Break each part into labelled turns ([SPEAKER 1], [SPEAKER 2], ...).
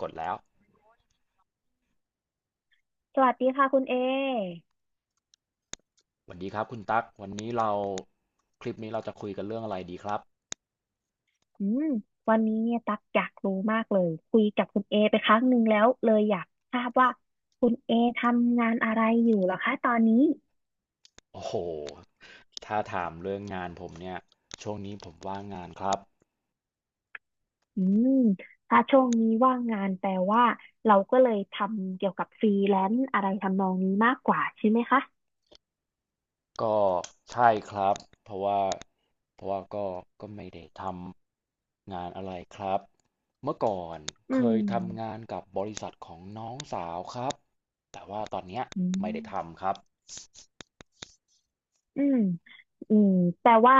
[SPEAKER 1] กดแล้ว
[SPEAKER 2] สวัสดีค่ะคุณเอ
[SPEAKER 1] สวัสดีครับคุณตั๊กวันนี้เราคลิปนี้เราจะคุยกันเรื่องอะไรดีครับ
[SPEAKER 2] อืมวันนี้เนี่ยตักอยากรู้มากเลยคุยกับคุณเอไปครั้งหนึ่งแล้วเลยอยากทราบว่าคุณเอทำงานอะไรอยู่เหรอคะตอนนี้
[SPEAKER 1] โอ้โหถ้าถามเรื่องงานผมเนี่ยช่วงนี้ผมว่างงานครับ
[SPEAKER 2] อืมถ้าช่วงนี้ว่างงานแปลว่าเราก็เลยทำเกี่ยวกับฟรีแลนซ์อะไรทำนองนี้มากกว่าใช่ไหมคะ
[SPEAKER 1] ก็ใช่ครับเพราะว่าเพราะว่าก็ไม่ได้ทำงานอะไรครับ เมื่อก่อน
[SPEAKER 2] อื
[SPEAKER 1] เคยทำงา
[SPEAKER 2] ม
[SPEAKER 1] นกับบริษัทของน้องสาวครับ แต่ว่าตอนเนี้ย
[SPEAKER 2] อื
[SPEAKER 1] ไม่
[SPEAKER 2] ม
[SPEAKER 1] ได้ทำครับ
[SPEAKER 2] อืมอืม แต่ว่า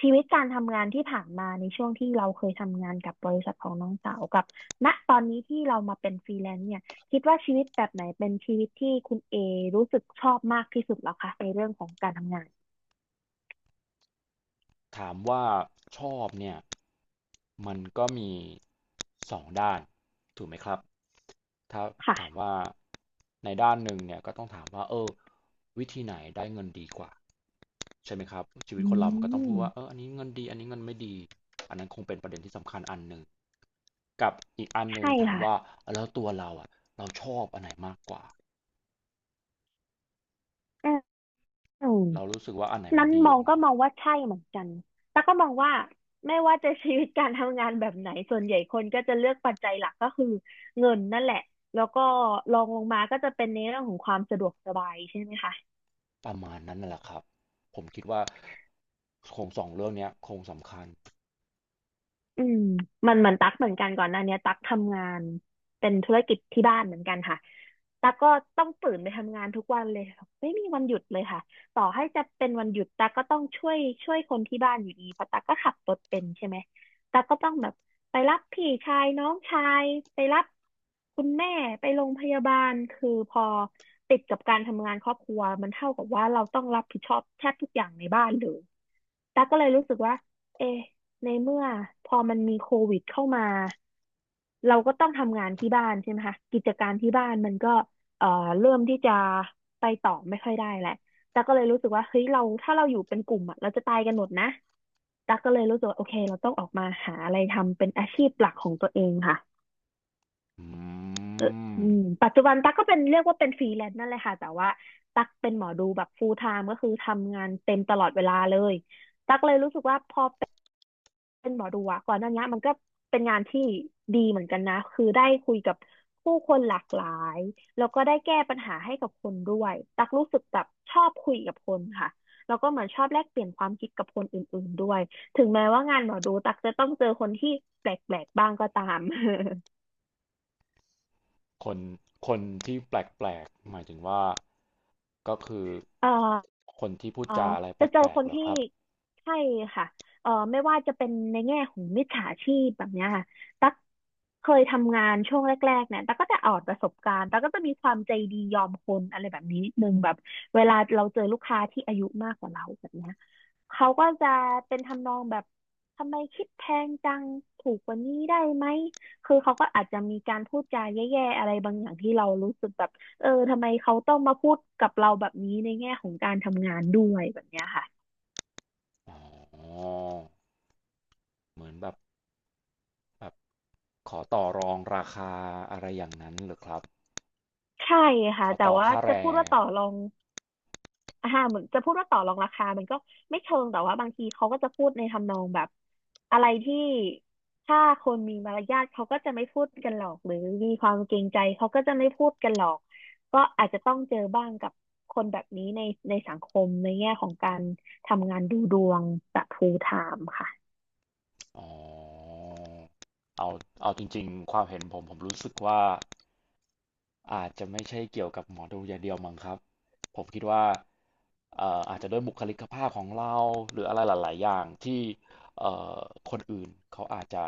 [SPEAKER 2] ชีวิตการทำงานที่ผ่านมาในช่วงที่เราเคยทำงานกับบริษัทของน้องสาวกับณตอนนี้ที่เรามาเป็นฟรีแลนซ์เนี่ยคิดว่าชีวิตแบบไหนเป็นชีวิตที่คุณเอรู้สึกชอบมากที่สุดแล้วคะในเรื่องของการทำงาน
[SPEAKER 1] ถามว่าชอบเนี่ยมันก็มีสองด้านถูกไหมครับถ้าถามว่า
[SPEAKER 2] ค่ะ
[SPEAKER 1] ในด้านหนึ่งเนี่ยก็ต้องถามว่าวิธีไหนได้เงินดีกว่าใช่ไหมครับชีวิ
[SPEAKER 2] อื
[SPEAKER 1] ตคนเรามันก็ต้องพู
[SPEAKER 2] ม
[SPEAKER 1] ดว่าอันนี้เงินดีอันนี้เงินไม่ดีอันนั้นคงเป็นประเด็นที่สำคัญอันหนึ่งกับอีกอันหนึ่ง
[SPEAKER 2] ใช่
[SPEAKER 1] ถาม
[SPEAKER 2] ค่ะ
[SPEAKER 1] ว่าแล้วตัวเราอ่ะเราชอบอันไหนมากกว่า
[SPEAKER 2] อืม
[SPEAKER 1] เรารู้สึกว่าอันไหนมั
[SPEAKER 2] นั้
[SPEAKER 1] น
[SPEAKER 2] น
[SPEAKER 1] ดี
[SPEAKER 2] ม
[SPEAKER 1] ก
[SPEAKER 2] อง
[SPEAKER 1] ว่า
[SPEAKER 2] ก็
[SPEAKER 1] เรา
[SPEAKER 2] มองว่าใช่เหมือนกันแต่ก็มองว่าไม่ว่าจะชีวิตการทำงานแบบไหนส่วนใหญ่คนก็จะเลือกปัจจัยหลักก็คือเงินนั่นแหละแล้วก็รองลงมาก็จะเป็นในเรื่องของความสะดวกสบายใช่ไหมคะ
[SPEAKER 1] ประมาณนั้นน่ะแหละครับผมคิดว่าโครงสองเรื่องเนี้ยโครงสำคัญ
[SPEAKER 2] อืมมันเหมือนตั๊กเหมือนกันก่อนหน้าเนี้ยตั๊กทำงานเป็นธุรกิจที่บ้านเหมือนกันค่ะ ตาก็ต้องตื่นไปทำงานทุกวันเลยค่ะไม่มีวันหยุดเลยค่ะต่อให้จะเป็นวันหยุดตาก็ต้องช่วยคนที่บ้านอยู่ดีเพราะตาก็ขับรถเป็นใช่ไหมตาก็ต้องแบบไปรับพี่ชายน้องชายไปรับคุณแม่ไปโรงพยาบาลคือพอติดกับการทำงานครอบครัวมันเท่ากับว่าเราต้องรับผิดชอบแทบทุกอย่างในบ้านเลยตาก็เลยรู้สึกว่าเอะในเมื่อพอมันมีโควิดเข้ามาเราก็ต้องทำงานที่บ้านใช่ไหมคะกิจการที่บ้านมันก็ เอ่อเริ่มที่จะไปต่อไม่ค่อยได้แหละแต่ก็เลยรู้สึกว่าเฮ้ยเราถ้าเราอยู่เป็นกลุ่มอะเราจะตายกันหมดนะเราต้องออกมาหาอะไรทำเป็นอาชีพหลักของตัวเองค่ะ
[SPEAKER 1] อื
[SPEAKER 2] อืม
[SPEAKER 1] ม
[SPEAKER 2] ปัจจุบันตั๊กก็เป็นเรียกว่าเป็นฟรีแลนซ์นั่นแหละค่ะแต่ว่าตั๊กเป็นหมอดูแบบ full time ก็คือทำงานเต็มตลอดเวลาเลย เป็นหมอดูอะก่อนหน้านี้มันก็เป็นงานที่ดีเหมือนกันนะคือได้คุยกับผู้คนหลากหลายแล้วก็ได้แก้ปัญหาให้กับคนด้วยตักรู้สึกแบบชอบคุยกับคนค่ะแล้วก็เหมือนชอบแลกเปลี่ยนความคิดกับคนอื่นๆด้วยถึงแม้ว่างานหมอดูตักจะต้องเจอคนที่แปลกๆบ้างก็ตาม
[SPEAKER 1] คนคนที่แปลกๆหมายถึงว่าก็คือ
[SPEAKER 2] เอ่อ
[SPEAKER 1] คนที่พูด
[SPEAKER 2] เอ่อ
[SPEAKER 1] จาอะไรแ
[SPEAKER 2] จะเจอ
[SPEAKER 1] ปล
[SPEAKER 2] ค
[SPEAKER 1] กๆ
[SPEAKER 2] น
[SPEAKER 1] เหรอ
[SPEAKER 2] ที่
[SPEAKER 1] ครับ
[SPEAKER 2] ใช่ค่ะไม่ว่าจะเป็นในแง่ของมิจฉาชีพแบบเนี้ยค่ะตั๊กเคยทำงานช่วงแรกๆเนี่ยตั๊กก็จะออดประสบการณ์ตั๊กก็จะมีความใจดียอมคนอะไรแบบนี้นิดนึงแบบเวลาเราเจอลูกค้าที่อายุมากกว่าเราแบบเนี้ยเขาก็จะเป็นทำนองแบบทำไมคิดแพงจังถูกกว่านี้ได้ไหมคือเขาก็อาจจะมีการพูดจาแย่ๆอะไรบางอย่างที่เรารู้สึกแบบ เออทำไมเขาต้องมาพูดกับเราแบบนี้ในแง่ของการทำงานด้วยแบบเนี้ยค่ะ
[SPEAKER 1] อ๋อเหมือนแบบแบบขอต่อรองราคาอะไรอย่างนั้นเหรอครับ
[SPEAKER 2] ใช่
[SPEAKER 1] ข
[SPEAKER 2] ค่ะ
[SPEAKER 1] อ
[SPEAKER 2] แต่
[SPEAKER 1] ต่อ
[SPEAKER 2] ว่า
[SPEAKER 1] ค่าแร
[SPEAKER 2] จะพูด
[SPEAKER 1] ง
[SPEAKER 2] ว่าต่อรองอ่าเหมือนจะพูดว่าต่อรองราคามันก็ไม่เชิงแต่ว่าบางทีเขาก็จะพูดในทำนองแบบอะไรที่ถ้าคนมีมารยาทเขาก็จะไม่พูดกันหรอกหรือมีความเกรงใจเขาก็จะไม่พูดกันหรอกก็อาจจะต้องเจอบ้างกับคนแบบนี้ในสังคมในแง่ของการทำงานดูดวงแบบ full time ค่ะ
[SPEAKER 1] อ๋อเอาเอาจริงๆความเห็นผมผมรู้สึกว่าอาจจะไม่ใช่เกี่ยวกับหมอดูอย่างเดียวมั้งครับผมคิดว่าอาจจะด้วยบุคลิกภาพของเราหรืออะไรหลายๆอย่างที่เอ่อคนอื่นเขาอาจจะ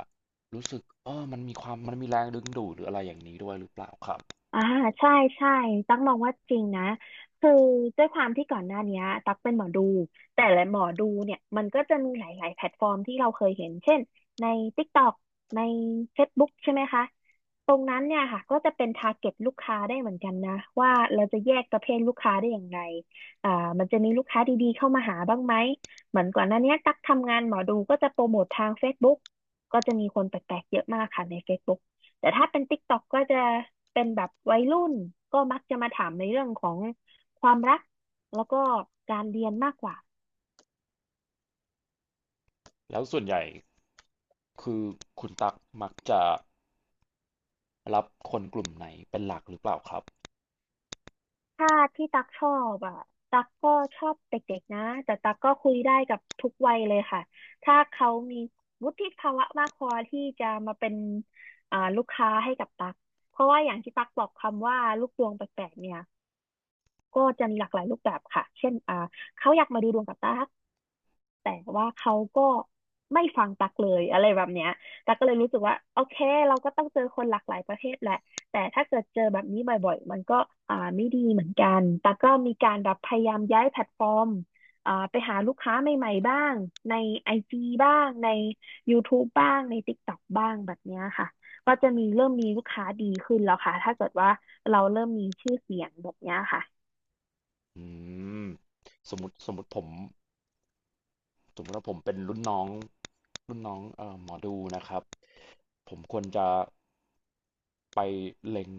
[SPEAKER 1] รู้สึกมันมีความมันมีแรงดึงดูดหรืออะไรอย่างนี้ด้วยหรือเปล่าครับ
[SPEAKER 2] อ่าใช่ใช่ตั๊กมองว่าจริงนะคือด้วยความที่ก่อนหน้าเนี้ยตั๊กเป็นหมอดูแต่ละหมอดูเนี่ยมันก็จะมีหลายๆแพลตฟอร์มที่เราเคยเห็นเช่นใน t ิกตอกในเฟซบุ๊กใช่ไหมคะ ตรงนั้นเนี่ยค่ะก็จะเป็น target ลูกค้าได้เหมือนกันนะว่าเราจะแยกประเภทลูกค้าได้อย่างไรอ่ามันจะมีลูกค้าดีๆเข้ามาหาบ้างไหมเหมือนก่อนหน้าเนี้ยตักทำงานหมอดูก็จะโปรโมททาง Facebook ก็จะมีคนแปลกๆเยอะมากค่ะใน Facebook แต่ถ้าเป็น TikTok ก็จะเป็นแบบวัยรุ่นก็มักจะมาถามในเรื่องของความรักแล้วก็การเรียนมากกว่า
[SPEAKER 1] แล้วส่วนใหญ่คือคุณตักมักจะรับคนกลุ่มไหนเป็นหลักหรือเปล่าครับ
[SPEAKER 2] ถ้าที่ตักชอบอ่ะตักก็ชอบเด็กๆนะแต่ตักก็คุยได้กับทุกวัยเลยค่ะถ้าเขามีวุฒิภาวะมากพอที่จะมาเป็นลูกค้าให้กับตักเพราะว่าอย่างที่ตักบอกคำว่าลูกดวงแปลกๆเนี่ยก็จะมีหลากหลายรูปแบบค่ะเช่นเขาอยากมาดูดวงกับตัก แต่ว่าเขาก็ไม่ฟังตักเลยอะไรแบบเนี้ยตักก็เลยรู้สึกว่าโอเคเราก็ต้องเจอคนหลากหลายประเภทแหละ แต่ถ้าเกิดเจอแบบนี้บ่อยๆ มันก็ไม่ดีเหมือนกันตักก็มีการแบบพยายามย้ายแพลตฟอร์มไปหาลูกค้าใหม่ๆบ้างในไอจีบ้างใน YouTube บ้างใน TikTok บ้างแบบเนี้ยค่ะ ก็จะมีเริ่มมีลูกค้าดีขึ้นแล้วค่ะ ถ้าเกิดว่าเราเริ่มมีชื่อเสียงแบบเนี้ยค่ะ
[SPEAKER 1] อืมสมมติผม สมมติว่าผมเป็นรุ่นน้องรุ่นน้องหมอดูนะครับผมควรจะไปเล็ง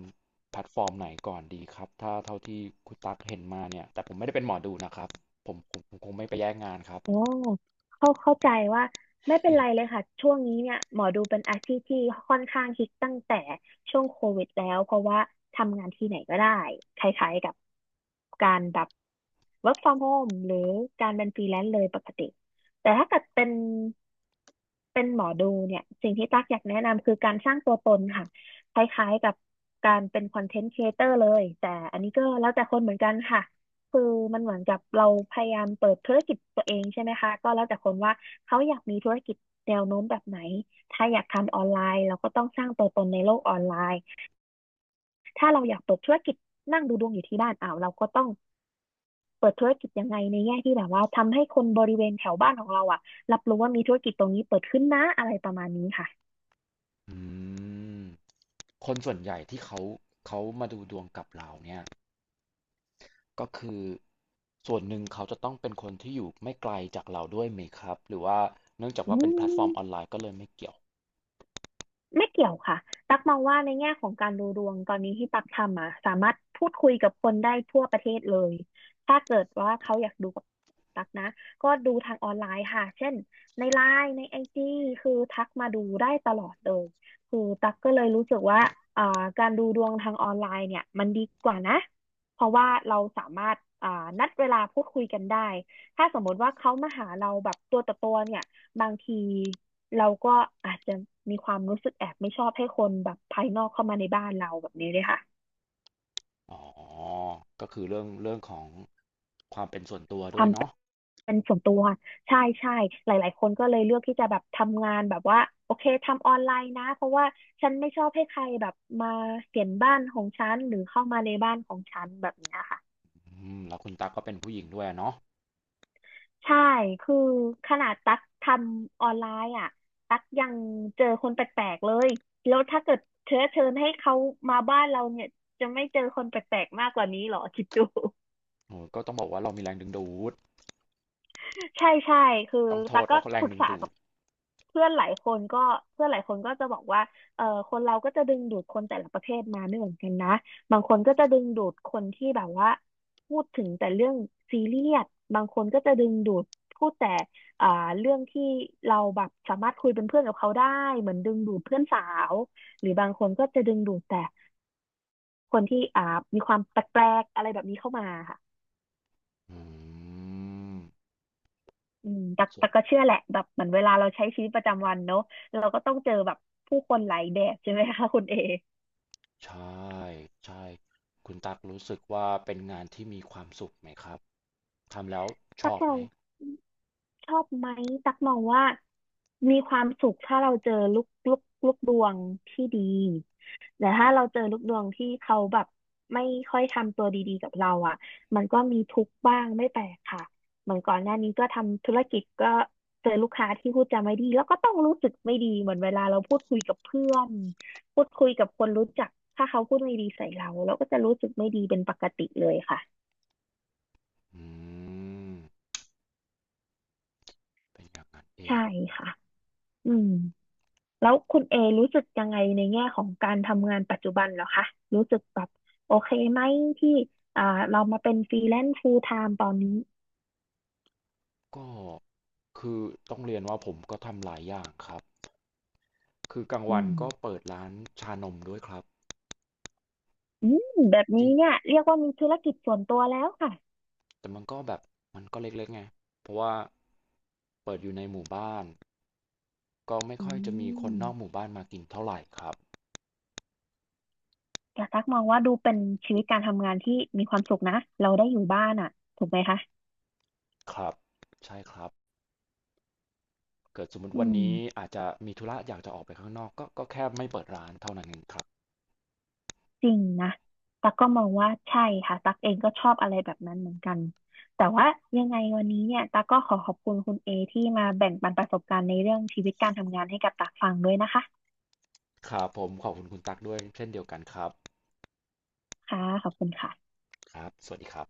[SPEAKER 1] แพลตฟอร์มไหนก่อนดีครับถ้าเท่าที่คุณตั๊กเห็นมาเนี่ยแต่ผมไม่ได้เป็นหมอดูนะครับผมคงไม่ไปแย่งงานครับ
[SPEAKER 2] โอ้เข้าใจว่าไม่เป็นไรเลยค่ะช่วงนี้เนี่ยหมอดูเป็นอาชีพที่ค่อนข้างฮิตตั้งแต่ช่วงโควิดแล้วเพราะว่าทำงานที่ไหนก็ได้คล้ายๆกับการแบบ work from home หรือการเป็นฟรีแลนซ์เลยปกติแต่ถ้าเกิดเป็นหมอดูเนี่ยสิ่งที่ตั๊กอยากแนะนำคือการสร้างตัวตนค่ะคล้ายๆกับการเป็นคอนเทนต์ครีเอเตอร์เลยแต่อันนี้ก็แล้วแต่คนเหมือนกันค่ะคือมันเหมือนกับเราพยายามเปิดธุรกิจตัวเองใช่ไหมคะก็แล้วแต่คนว่าเขาอยากมีธุรกิจแนวโน้มแบบไหนถ้าอยากทำออนไลน์เราก็ต้องสร้างตัวตนในโลกออนไลน์ถ้าเราอยากเปิดธุรกิจนั่งดูดวงอยู่ที่บ้านอ้าวเราก็ต้องเปิดธุรกิจยังไงในแง่ที่แบบว่าทำให้คนบริเวณแถวบ้านของเราอ่ะรับรู้ว่ามีธุรกิจตรงนี้เปิดขึ้นนะอะไรประมาณนี้ค่ะ
[SPEAKER 1] อืมคนส่วนใหญ่ที่เขามาดูดวงกับเราเนี่ยก็คือส่วนหนึ่งเขาจะต้องเป็นคนที่อยู่ไม่ไกลจากเราด้วยไหมครับหรือว่าเนื่องจาก
[SPEAKER 2] อื
[SPEAKER 1] ว่าเป็นแพลตฟอร์มออน
[SPEAKER 2] ม
[SPEAKER 1] ไลน์ก็เลยไม่เกี่ยว
[SPEAKER 2] ไม่เกี่ยวค่ะตักมองว่าในแง่ของการดูดวงตอนนี้ที่ตักทำอ่ะสามารถพูดคุยกับคนได้ทั่วประเทศเลยถ้าเกิดว่าเขาอยากดูกับตักนะก็ดูทางออนไลน์ค่ะเช่นในไลน์ในไอจีคือทักมาดูได้ตลอดเลยคือตักก็เลยรู้สึกว่าอ่าการดูดวงทางออนไลน์เนี่ยมันดีกว่านะเพราะว่าเราสามารถนัดเวลาพูดคุยกันได้ ถ้าสมมติว่าเขามาหาเราแบบตัวต่อตัวเนี่ยบางทีเราก็อาจจะมีความรู้สึกแอบไม่ชอบให้คนแบบภายนอกเข้ามาในบ้านเราแบบนี้เลยค่ะ
[SPEAKER 1] อ๋อก็คือเรื่องของความเป็นส่วนตัว
[SPEAKER 2] ค
[SPEAKER 1] ด้ว
[SPEAKER 2] วา
[SPEAKER 1] ย
[SPEAKER 2] ม
[SPEAKER 1] เนาะ
[SPEAKER 2] เป็นส่วนตัวใช่ใช่หลายๆคนก็เลยเลือกที่จะแบบทำงานแบบว่าโอเคทำออนไลน์นะเพราะว่าฉันไม่ชอบให้ใครแบบมาเห็นบ้านของฉันหรือเข้ามาในบ้านของฉันแบบเนี้ยค่ะ
[SPEAKER 1] อืมแล้วคุณตั๊กก็เป็นผู้หญิงด้วยอะเนาะ
[SPEAKER 2] ใช่ คือขนาดตั๊กทำออนไลน์อ่ะ ตั๊กยังเจอคนแปลกๆเลย แล้วถ้าเกิดเชื้อเชิญให้เขามาบ้านเราเนี่ย จะไม่เจอคนแปลกๆมากกว่านี้เหรอคิดดู
[SPEAKER 1] โอ้ก็ต้องบอกว่าเรามีแรงดึงดูด
[SPEAKER 2] ใช่ใช่คือ
[SPEAKER 1] ต้องโท
[SPEAKER 2] ตั๊ก
[SPEAKER 1] ษ
[SPEAKER 2] ก็
[SPEAKER 1] ว่าเขาแร
[SPEAKER 2] ป
[SPEAKER 1] ง
[SPEAKER 2] รึก
[SPEAKER 1] ดึง
[SPEAKER 2] ษา
[SPEAKER 1] ดู
[SPEAKER 2] กั
[SPEAKER 1] ด
[SPEAKER 2] บเพื่อนหลายคนก็เพื่อนหลายคนก็จะบอกว่าเออคนเราก็จะดึงดูดคนแต่ละประเภทมาไม่เหมือนกันนะบางคนก็จะดึงดูดคนที่แบบว่าพูดถึงแต่เรื่องซีเรียสบางคนก็จะดึงดูดพูดแต่อ่าเรื่องที่เราแบบสามารถคุยเป็นเพื่อนกับเขาได้เหมือนดึงดูดเพื่อนสาวหรือบางคนก็จะดึงดูดแต่คนที่มีความแปลกๆอะไรแบบนี้เข้ามาค่ะ
[SPEAKER 1] อืม
[SPEAKER 2] อืมแต่
[SPEAKER 1] สุ
[SPEAKER 2] แต่
[SPEAKER 1] ด
[SPEAKER 2] ก็เชื่อแหละแบบเหมือนเวลาเราใช้ชีวิตประจำวันเนอะ เราก็ต้องเจอแบบผู้คนหลายแบบใช่ไหมคะคุณเอ
[SPEAKER 1] ใช่ใช่คุณตั๊กรู้สึกว่าเป็นงานที่มีความสุขไหมครับทำแล้วช
[SPEAKER 2] ตั
[SPEAKER 1] อ
[SPEAKER 2] ก
[SPEAKER 1] บไหม
[SPEAKER 2] เราชอบไหมตักมองว่ามีความสุขถ้าเราเจอลูกลูกดวงที่ดีแต่ถ้าเราเจอลูกดวงที่เขาแบบไม่ค่อยทำตัวดีๆกับเราอ่ะมันก็มีทุกข์บ้างไม่แปลกค่ะเหมือนก่อนหน้านี้ก็ทำธุรกิจก็เจอลูกค้าที่พูดจาไม่ดีแล้วก็ต้องรู้สึกไม่ดีเหมือนเวลาเราพูดคุยกับเพื่อนพูดคุยกับคนรู้จักถ้าเขาพูดไม่ดีใส่เราเราก็จะรู้สึกไม่ดีเป็นปกติเลยค่ะ
[SPEAKER 1] อืมเป็นอย่างนั้นเอ
[SPEAKER 2] ใช่
[SPEAKER 1] ง
[SPEAKER 2] ค่ะอืม แล้วคุณเอรู้สึกยังไงในแง่ของการทำงานปัจจุบันเหรอคะ รู้สึกแบบโอเคไหมที่อ่าเรามาเป็นฟรีแลนซ์ full time ตอนนี้
[SPEAKER 1] ก็คือต้องเรียนว่าผมก็ทำหลายอย่างครับคือกลาง
[SPEAKER 2] อื
[SPEAKER 1] วัน
[SPEAKER 2] ม
[SPEAKER 1] ก็เปิดร้านชานมด้วยครับ
[SPEAKER 2] อืมแบบนี้เนี่ยเรียกว่ามีธุรกิจส่วนตัวแล้วค่ะ
[SPEAKER 1] แต่มันก็แบบมันก็เล็กๆไงเพราะว่าเปิดอยู่ในหมู่บ้านก็ไม่
[SPEAKER 2] อื
[SPEAKER 1] ค่อยจะมีคน
[SPEAKER 2] ม
[SPEAKER 1] นอกหมู่บ้านมากินเท่าไหร่ครับ
[SPEAKER 2] แต่ตักมองว่าดูเป็นชีวิตการทำงานที่มีความสุขนะเราได้อยู่บ้านอ่ะถูกไหมคะ
[SPEAKER 1] ครับ ใช่ครับ เกิดสมมติ
[SPEAKER 2] อื
[SPEAKER 1] วัน
[SPEAKER 2] ม
[SPEAKER 1] นี้อาจจะมีธุระอยากจะออกไปข้างนอกก็ก็แค่ไม่เปิดร้านเท่านั้นเองครับ
[SPEAKER 2] จริงนะตั๊กก็มองว่าใช่ค่ะตั๊กเองก็ชอบอะไรแบบนั้นเหมือนกัน แต่ว่ายังไงวันนี้เนี่ยตั๊กก็ขอขอบคุณคุณเอที่มาแบ่งปันประสบการณ์ในเรื่องชีวิตการทำงานให้กับตั๊กฟังด้วยนะคะ
[SPEAKER 1] ครับผมขอบคุณคุณตั๊กด้วยเช่นเดียวกันครับ
[SPEAKER 2] ค่ะ ขอบคุณค่ะ
[SPEAKER 1] ครับสวัสดีครับ